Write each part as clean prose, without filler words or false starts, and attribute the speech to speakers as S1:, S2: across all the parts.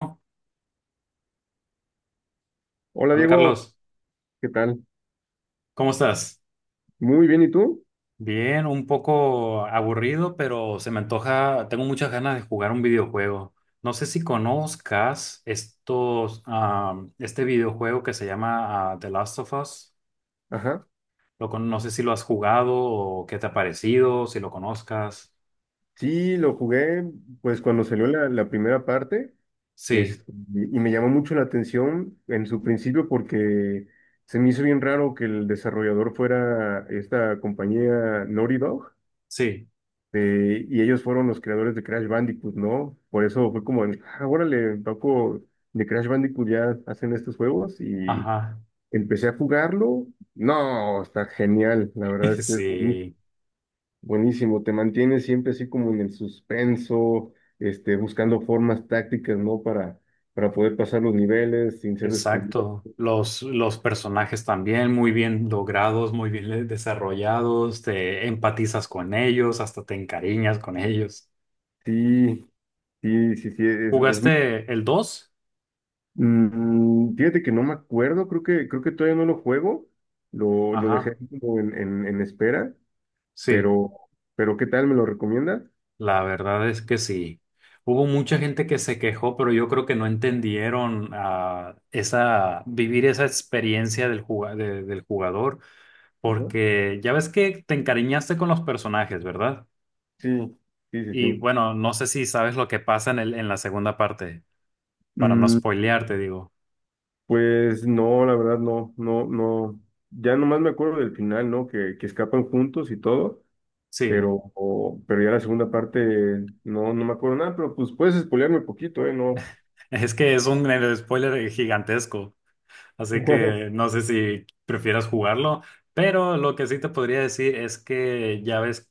S1: Hola
S2: Hola Diego,
S1: Carlos,
S2: ¿qué tal?
S1: ¿cómo estás?
S2: Muy bien, ¿y tú?
S1: Bien, un poco aburrido, pero se me antoja, tengo muchas ganas de jugar un videojuego. No sé si conozcas estos, este videojuego que se llama The Last of Us.
S2: Ajá.
S1: No sé si lo has jugado o qué te ha parecido, si lo conozcas.
S2: Sí, lo jugué pues cuando salió la primera parte
S1: Sí,
S2: es, y me llamó mucho la atención en su principio porque se me hizo bien raro que el desarrollador fuera esta compañía Naughty Dog,
S1: sí,
S2: y ellos fueron los creadores de Crash Bandicoot, ¿no? Por eso fue como, el, órale, Paco, de Crash Bandicoot ya hacen estos juegos y
S1: ajá,
S2: empecé a jugarlo. No, está genial, la verdad es que es buenísimo.
S1: sí.
S2: Buenísimo, te mantienes siempre así como en el suspenso, buscando formas tácticas, ¿no? Para poder pasar los niveles sin ser descubierto.
S1: Exacto. Los personajes también muy bien logrados, muy bien desarrollados, te empatizas con ellos, hasta te encariñas con ellos.
S2: Sí, sí, sí, sí, es muy-
S1: ¿Jugaste el 2,
S2: Fíjate que no me acuerdo, creo que todavía no lo juego, lo dejé
S1: ajá.
S2: así como en espera,
S1: Sí,
S2: pero, pero ¿qué tal? ¿Me lo recomiendas?
S1: la verdad es que sí. Hubo mucha gente que se quejó, pero yo creo que no entendieron esa, vivir esa experiencia del jugador,
S2: Ajá.
S1: porque ya ves que te encariñaste con los personajes, ¿verdad?
S2: Sí, sí, sí,
S1: Y
S2: sí.
S1: bueno, no sé si sabes lo que pasa en en la segunda parte, para no
S2: Mm,
S1: spoilearte, digo.
S2: pues no, la verdad no, no, no. Ya nomás me acuerdo del final, ¿no? Que escapan juntos y todo,
S1: Sí,
S2: pero, o- pero ya la segunda parte no, no me acuerdo nada, pero pues puedes spoilearme un poquito, ¿eh? No.
S1: es que es un spoiler gigantesco, así que no sé si prefieras jugarlo, pero lo que sí te podría decir es que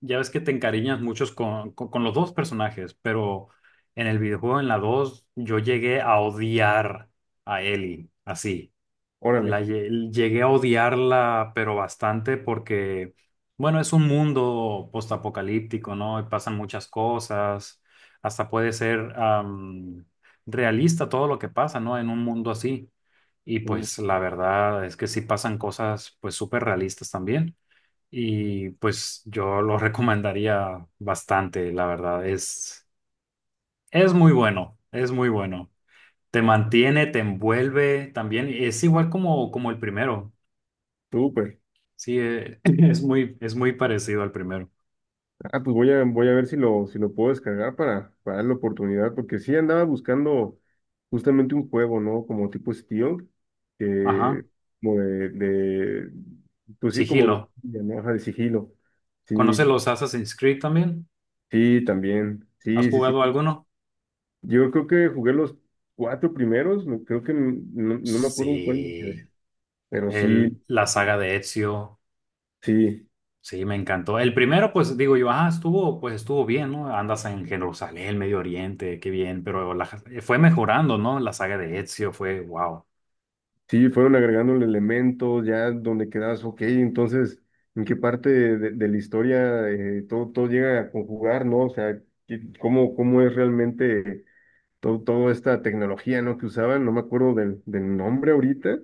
S1: ya ves que te encariñas muchos con los dos personajes, pero en el videojuego, en la 2 yo llegué a odiar a Ellie, así.
S2: Órale.
S1: Llegué a odiarla, pero bastante porque, bueno, es un mundo postapocalíptico, ¿no? Y pasan muchas cosas, hasta puede ser realista todo lo que pasa, ¿no? En un mundo así. Y
S2: Sí.
S1: pues la verdad es que sí pasan cosas pues súper realistas también. Y pues yo lo recomendaría bastante, la verdad. Es muy bueno, es muy bueno. Te mantiene, te envuelve también. Es igual como, como el primero.
S2: Súper.
S1: Sí, es muy parecido al primero.
S2: Ah, pues voy a, voy a ver si lo, si lo puedo descargar para darle oportunidad, porque sí andaba buscando justamente un juego, ¿no? Como tipo Steel,
S1: Ajá.
S2: que como de- pues sí, como
S1: Sigilo.
S2: de, ¿no? Ajá, de sigilo.
S1: ¿Conoces
S2: Sí,
S1: los Assassin's Creed también?
S2: sí, también.
S1: ¿Has
S2: Sí, sí,
S1: jugado
S2: sí.
S1: alguno?
S2: Yo creo que jugué los cuatro primeros. Me- creo que m- no, no me acuerdo en cuál me quedé.
S1: Sí.
S2: Pero sí,
S1: El, la saga de Ezio.
S2: sí,
S1: Sí, me encantó. El primero, pues digo yo, estuvo, pues estuvo bien, ¿no? Andas en Jerusalén, Medio Oriente, qué bien, pero fue mejorando, ¿no? La saga de Ezio fue, wow.
S2: sí, fueron agregando elementos ya donde quedas, ok, entonces, ¿en qué parte de la historia todo, todo llega a conjugar, ¿no? O sea, ¿qué- ¿cómo, cómo es realmente todo, toda esta tecnología, ¿no? que usaban? No me acuerdo del, del nombre ahorita.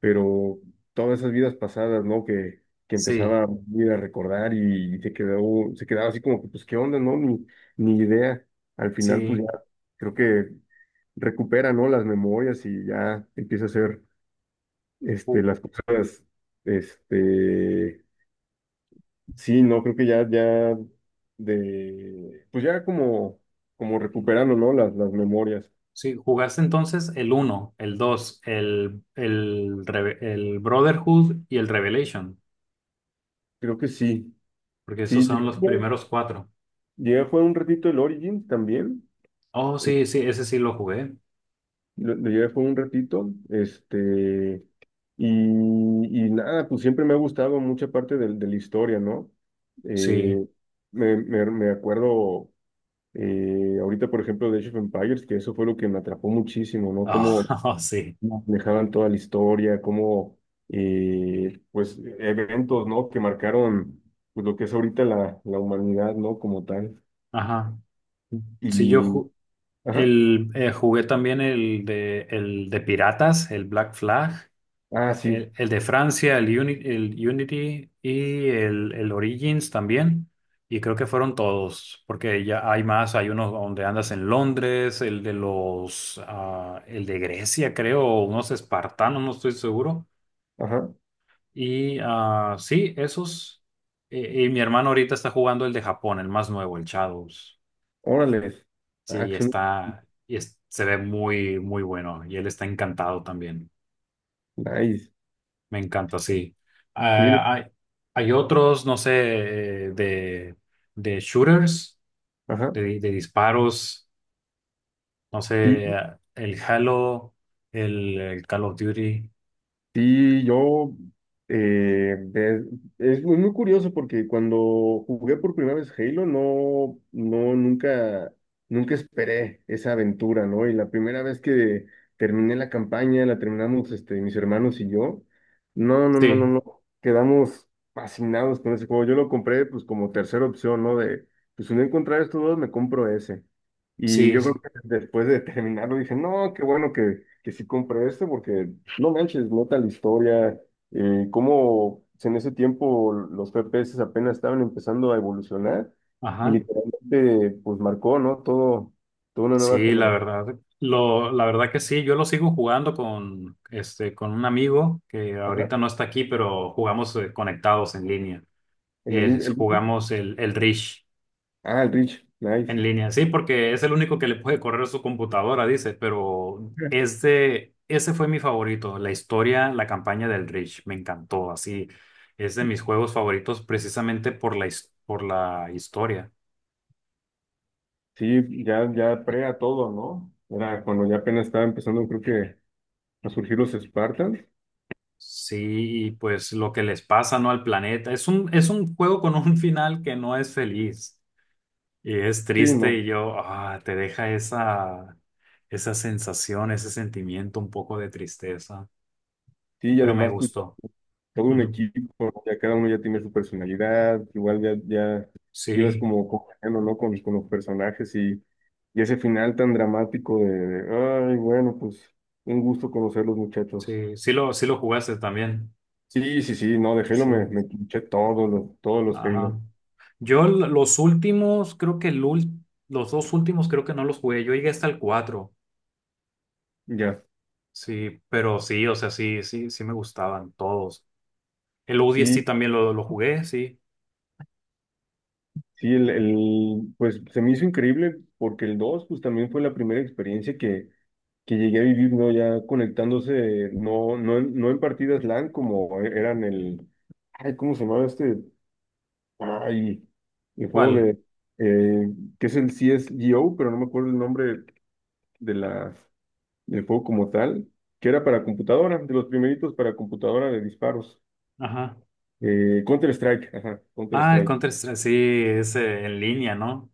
S2: Pero todas esas vidas pasadas, ¿no? Que
S1: Sí,
S2: empezaba a ir a recordar y se quedó, se quedaba así como que, pues, ¿qué onda, no? Ni, ni idea. Al final, pues
S1: sí.
S2: ya creo que recupera, ¿no? Las memorias y ya empieza a hacer,
S1: Ju-
S2: las cosas, este, sí, no, creo que ya, ya de, pues ya como, como recuperando, ¿no? Las memorias.
S1: sí, jugaste entonces el uno, el 2, el Brotherhood y el Revelation.
S2: Creo que sí.
S1: Porque esos
S2: Sí,
S1: son los
S2: llegué,
S1: primeros cuatro.
S2: llegué a jugar un ratito el Origins también.
S1: Oh, sí, sí, ese sí lo jugué.
S2: Lo llevé por un ratito, y, y nada, pues siempre me ha gustado mucha parte del- de, la historia, ¿no?
S1: Sí.
S2: Eh, me, me- me acuerdo ahorita, por ejemplo, de Age of Empires, que eso fue lo que me atrapó muchísimo, ¿no?
S1: Oh,
S2: Cómo
S1: oh, sí.
S2: dejaban toda la historia, cómo, pues, eventos, ¿no? Que marcaron, pues, lo que es ahorita la, la humanidad, ¿no? Como tal.
S1: Ajá. Sí,
S2: Y, ajá,
S1: el, jugué también el de Piratas, el Black Flag,
S2: ah, sí,
S1: el de Francia, el Unity y el Origins también. Y creo que fueron todos, porque ya hay más, hay uno donde andas en Londres, el de los, el de Grecia, creo, o unos espartanos, no estoy seguro.
S2: ajá,
S1: Y sí, esos. Y mi hermano ahorita está jugando el de Japón, el más nuevo, el Shadows.
S2: órale,
S1: Sí,
S2: action,
S1: está. Y se ve muy, muy bueno. Y él está encantado también.
S2: nice.
S1: Me encanta, sí.
S2: Y él-
S1: Ah, hay otros, no sé, de shooters,
S2: ajá,
S1: de disparos. No sé,
S2: sí,
S1: el Halo, el Call of Duty.
S2: sí, yo, de- es muy, muy curioso porque cuando jugué por primera vez Halo, no, no, nunca, nunca esperé esa aventura, ¿no? Y la primera vez que terminé la campaña, la terminamos, mis hermanos y yo, no, no, no, no,
S1: Sí,
S2: no, quedamos fascinados con ese juego. Yo lo compré, pues, como tercera opción, ¿no? De, pues, si no encontrar estos dos, me compro ese. Y
S1: sí,
S2: yo creo
S1: sí.
S2: después de terminarlo dije, no, qué bueno que sí compré este porque no manches, nota la historia, cómo en ese tiempo los FPS apenas estaban empezando a evolucionar y
S1: Ajá.
S2: literalmente pues marcó, ¿no? Todo, toda una nueva
S1: Sí, la
S2: generación.
S1: verdad, lo, la verdad que sí, yo lo sigo jugando con, este, con un amigo que
S2: Ajá.
S1: ahorita no está aquí, pero jugamos conectados en línea.
S2: En el-
S1: Jugamos el Rish
S2: ah, el rich nice.
S1: en línea, sí, porque es el único que le puede correr su computadora, dice, pero este, ese fue mi favorito, la historia, la campaña del Rish, me encantó, así, es de mis juegos favoritos precisamente por la, por la historia.
S2: Sí, ya, ya pre a todo, ¿no? Era cuando ya apenas estaba empezando, creo que a surgir los Spartans.
S1: Sí, y pues lo que les pasa, ¿no? Al planeta. Es un juego con un final que no es feliz y es
S2: Sí,
S1: triste
S2: no.
S1: y yo, te deja esa, esa sensación, ese sentimiento un poco de tristeza,
S2: Sí, y
S1: pero me
S2: además, pues,
S1: gustó.
S2: todo un
S1: Ujú.
S2: equipo, ya cada uno ya tiene su personalidad, igual ya, ya llevas
S1: Sí,
S2: como cogiendo, ¿no? Con los personajes y ese final tan dramático de, ay, bueno, pues un gusto conocer los muchachos.
S1: sí, sí lo jugaste también.
S2: Sí, sí, sí, no, de Halo me,
S1: Sí,
S2: me escuché todos los Halo,
S1: ajá. Los últimos, creo que los dos últimos creo que no los jugué, yo llegué hasta el cuatro.
S2: ya.
S1: Sí, pero sí, o sea, sí, sí, sí me gustaban todos. El ODST
S2: Sí,
S1: también lo jugué, sí.
S2: sí, el- pues se me hizo increíble porque el 2 pues también fue la primera experiencia que llegué a vivirlo ya conectándose, no, no, en- no en partidas LAN como e, eran el, ay, ¿cómo se llamaba este? Ay, el juego
S1: ¿Cuál?
S2: de, eh, que es el CSGO, pero no me acuerdo el nombre de la, del juego como tal, que era para computadora, de los primeritos para computadora de disparos.
S1: Ajá.
S2: Counter-Strike, ajá,
S1: Ah, el
S2: Counter-Strike.
S1: Counter-Strike, sí, es en línea, ¿no?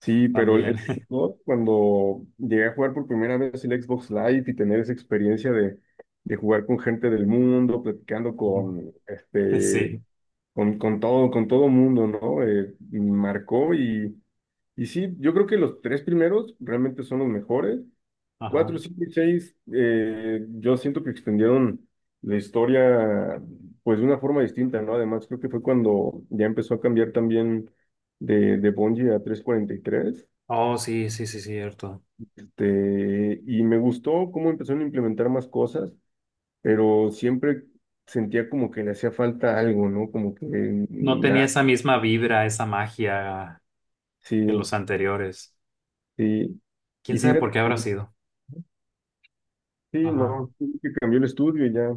S2: Sí, pero
S1: También.
S2: el Xbox, cuando llegué a jugar por primera vez el Xbox Live y tener esa experiencia de jugar con gente del mundo, platicando con
S1: Sí,
S2: con todo mundo, ¿no? Marcó y sí, yo creo que los tres primeros realmente son los mejores.
S1: ajá.
S2: Cuatro, cinco y seis, yo siento que extendieron la historia, pues de una forma distinta, ¿no? Además, creo que fue cuando ya empezó a cambiar también de Bungie a 343.
S1: Oh, sí, sí, sí, cierto.
S2: Y me gustó cómo empezaron a implementar más cosas, pero siempre sentía como que le hacía falta algo, ¿no? Como que
S1: No tenía
S2: nada,
S1: esa misma vibra, esa magia que
S2: sí,
S1: los anteriores.
S2: sí.
S1: ¿Quién
S2: Y
S1: sabe por
S2: fíjate,
S1: qué habrá
S2: pues,
S1: sido?
S2: sí,
S1: Ajá.
S2: no, sí que cambió el estudio y ya,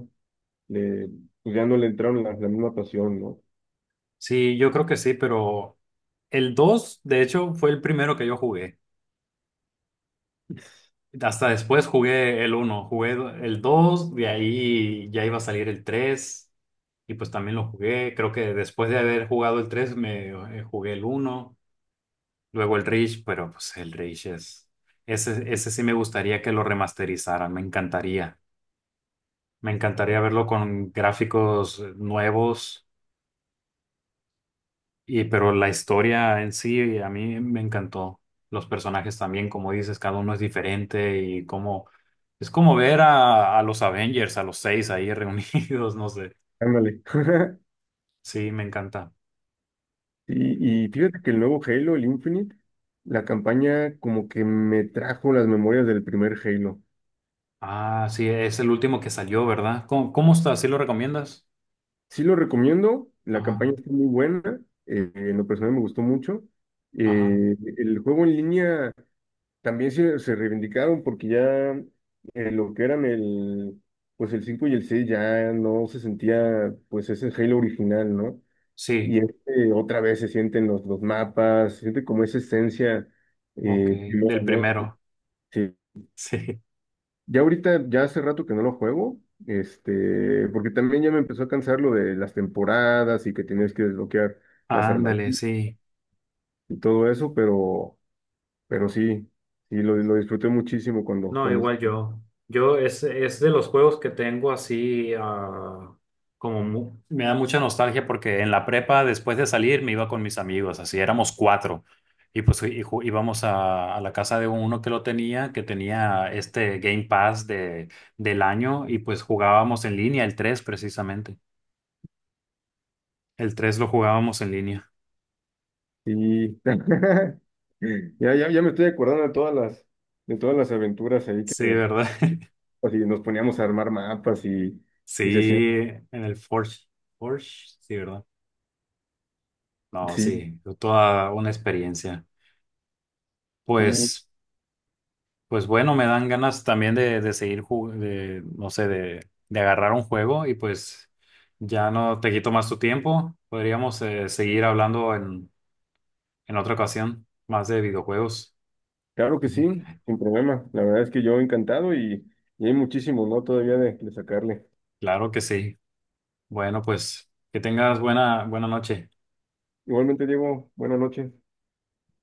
S2: le, pues ya no le entraron la, la misma pasión, ¿no?
S1: Sí, yo creo que sí, pero el 2 de hecho, fue el primero que yo jugué. Hasta después jugué el uno, jugué el dos, de ahí ya iba a salir el 3 y pues también lo jugué. Creo que después de haber jugado el 3 me jugué el uno, luego el Reach, pero pues el Reach es... Ese sí me gustaría que lo remasterizaran, me encantaría. Me encantaría verlo con gráficos nuevos, y, pero la historia en sí a mí me encantó. Los personajes también, como dices, cada uno es diferente y cómo. Es como ver a los Avengers, a los seis ahí reunidos, no sé.
S2: Ándale.
S1: Sí, me encanta.
S2: Y,
S1: Y,
S2: y fíjate que el nuevo Halo, el Infinite, la campaña como que me trajo las memorias del primer Halo.
S1: ah, sí, es el último que salió, ¿verdad? ¿Cómo, cómo está? ¿Sí lo recomiendas?
S2: Sí lo recomiendo, la
S1: Ajá,
S2: campaña está muy buena, en lo personal me gustó mucho.
S1: ajá.
S2: El juego en línea también se reivindicaron porque ya lo que eran el, pues el 5 y el 6 ya no se sentía pues ese Halo original, ¿no? Y
S1: Sí,
S2: otra vez se sienten los mapas, se siente como esa esencia
S1: ok,
S2: primera,
S1: del
S2: ¿no?
S1: primero.
S2: Sí.
S1: Sí,
S2: Ya ahorita, ya hace rato que no lo juego, porque también ya me empezó a cansar lo de las temporadas y que tenías que desbloquear las armas
S1: ándale, sí.
S2: y todo eso, pero sí, sí, lo disfruté muchísimo cuando,
S1: No,
S2: cuando,
S1: igual yo. Yo es de los juegos que tengo así, como me da mucha nostalgia porque en la prepa, después de salir, me iba con mis amigos, así éramos cuatro. Íbamos a la casa de uno que lo tenía, que tenía este Game Pass de, del año, y pues jugábamos en línea, el tres precisamente. El 3 lo jugábamos en línea.
S2: sí. Ya, ya, ya me estoy acordando de todas las aventuras ahí
S1: Sí,
S2: que,
S1: ¿verdad?
S2: así, nos poníamos a armar mapas
S1: Sí,
S2: y se hacían,
S1: en el Forge. Forge, sí, ¿verdad? No,
S2: sí,
S1: sí, toda una experiencia.
S2: sí,
S1: Pues. Pues bueno, me dan ganas también de seguir, de, no sé, de agarrar un juego y pues ya no te quito más tu tiempo. Podríamos seguir hablando en otra ocasión más de videojuegos.
S2: claro que
S1: Ujú.
S2: sí, sin problema. La verdad es que yo encantado y hay muchísimo, ¿no? Todavía de sacarle.
S1: Claro que sí. Bueno, pues que tengas buena, buena noche.
S2: Igualmente, Diego, buenas noches.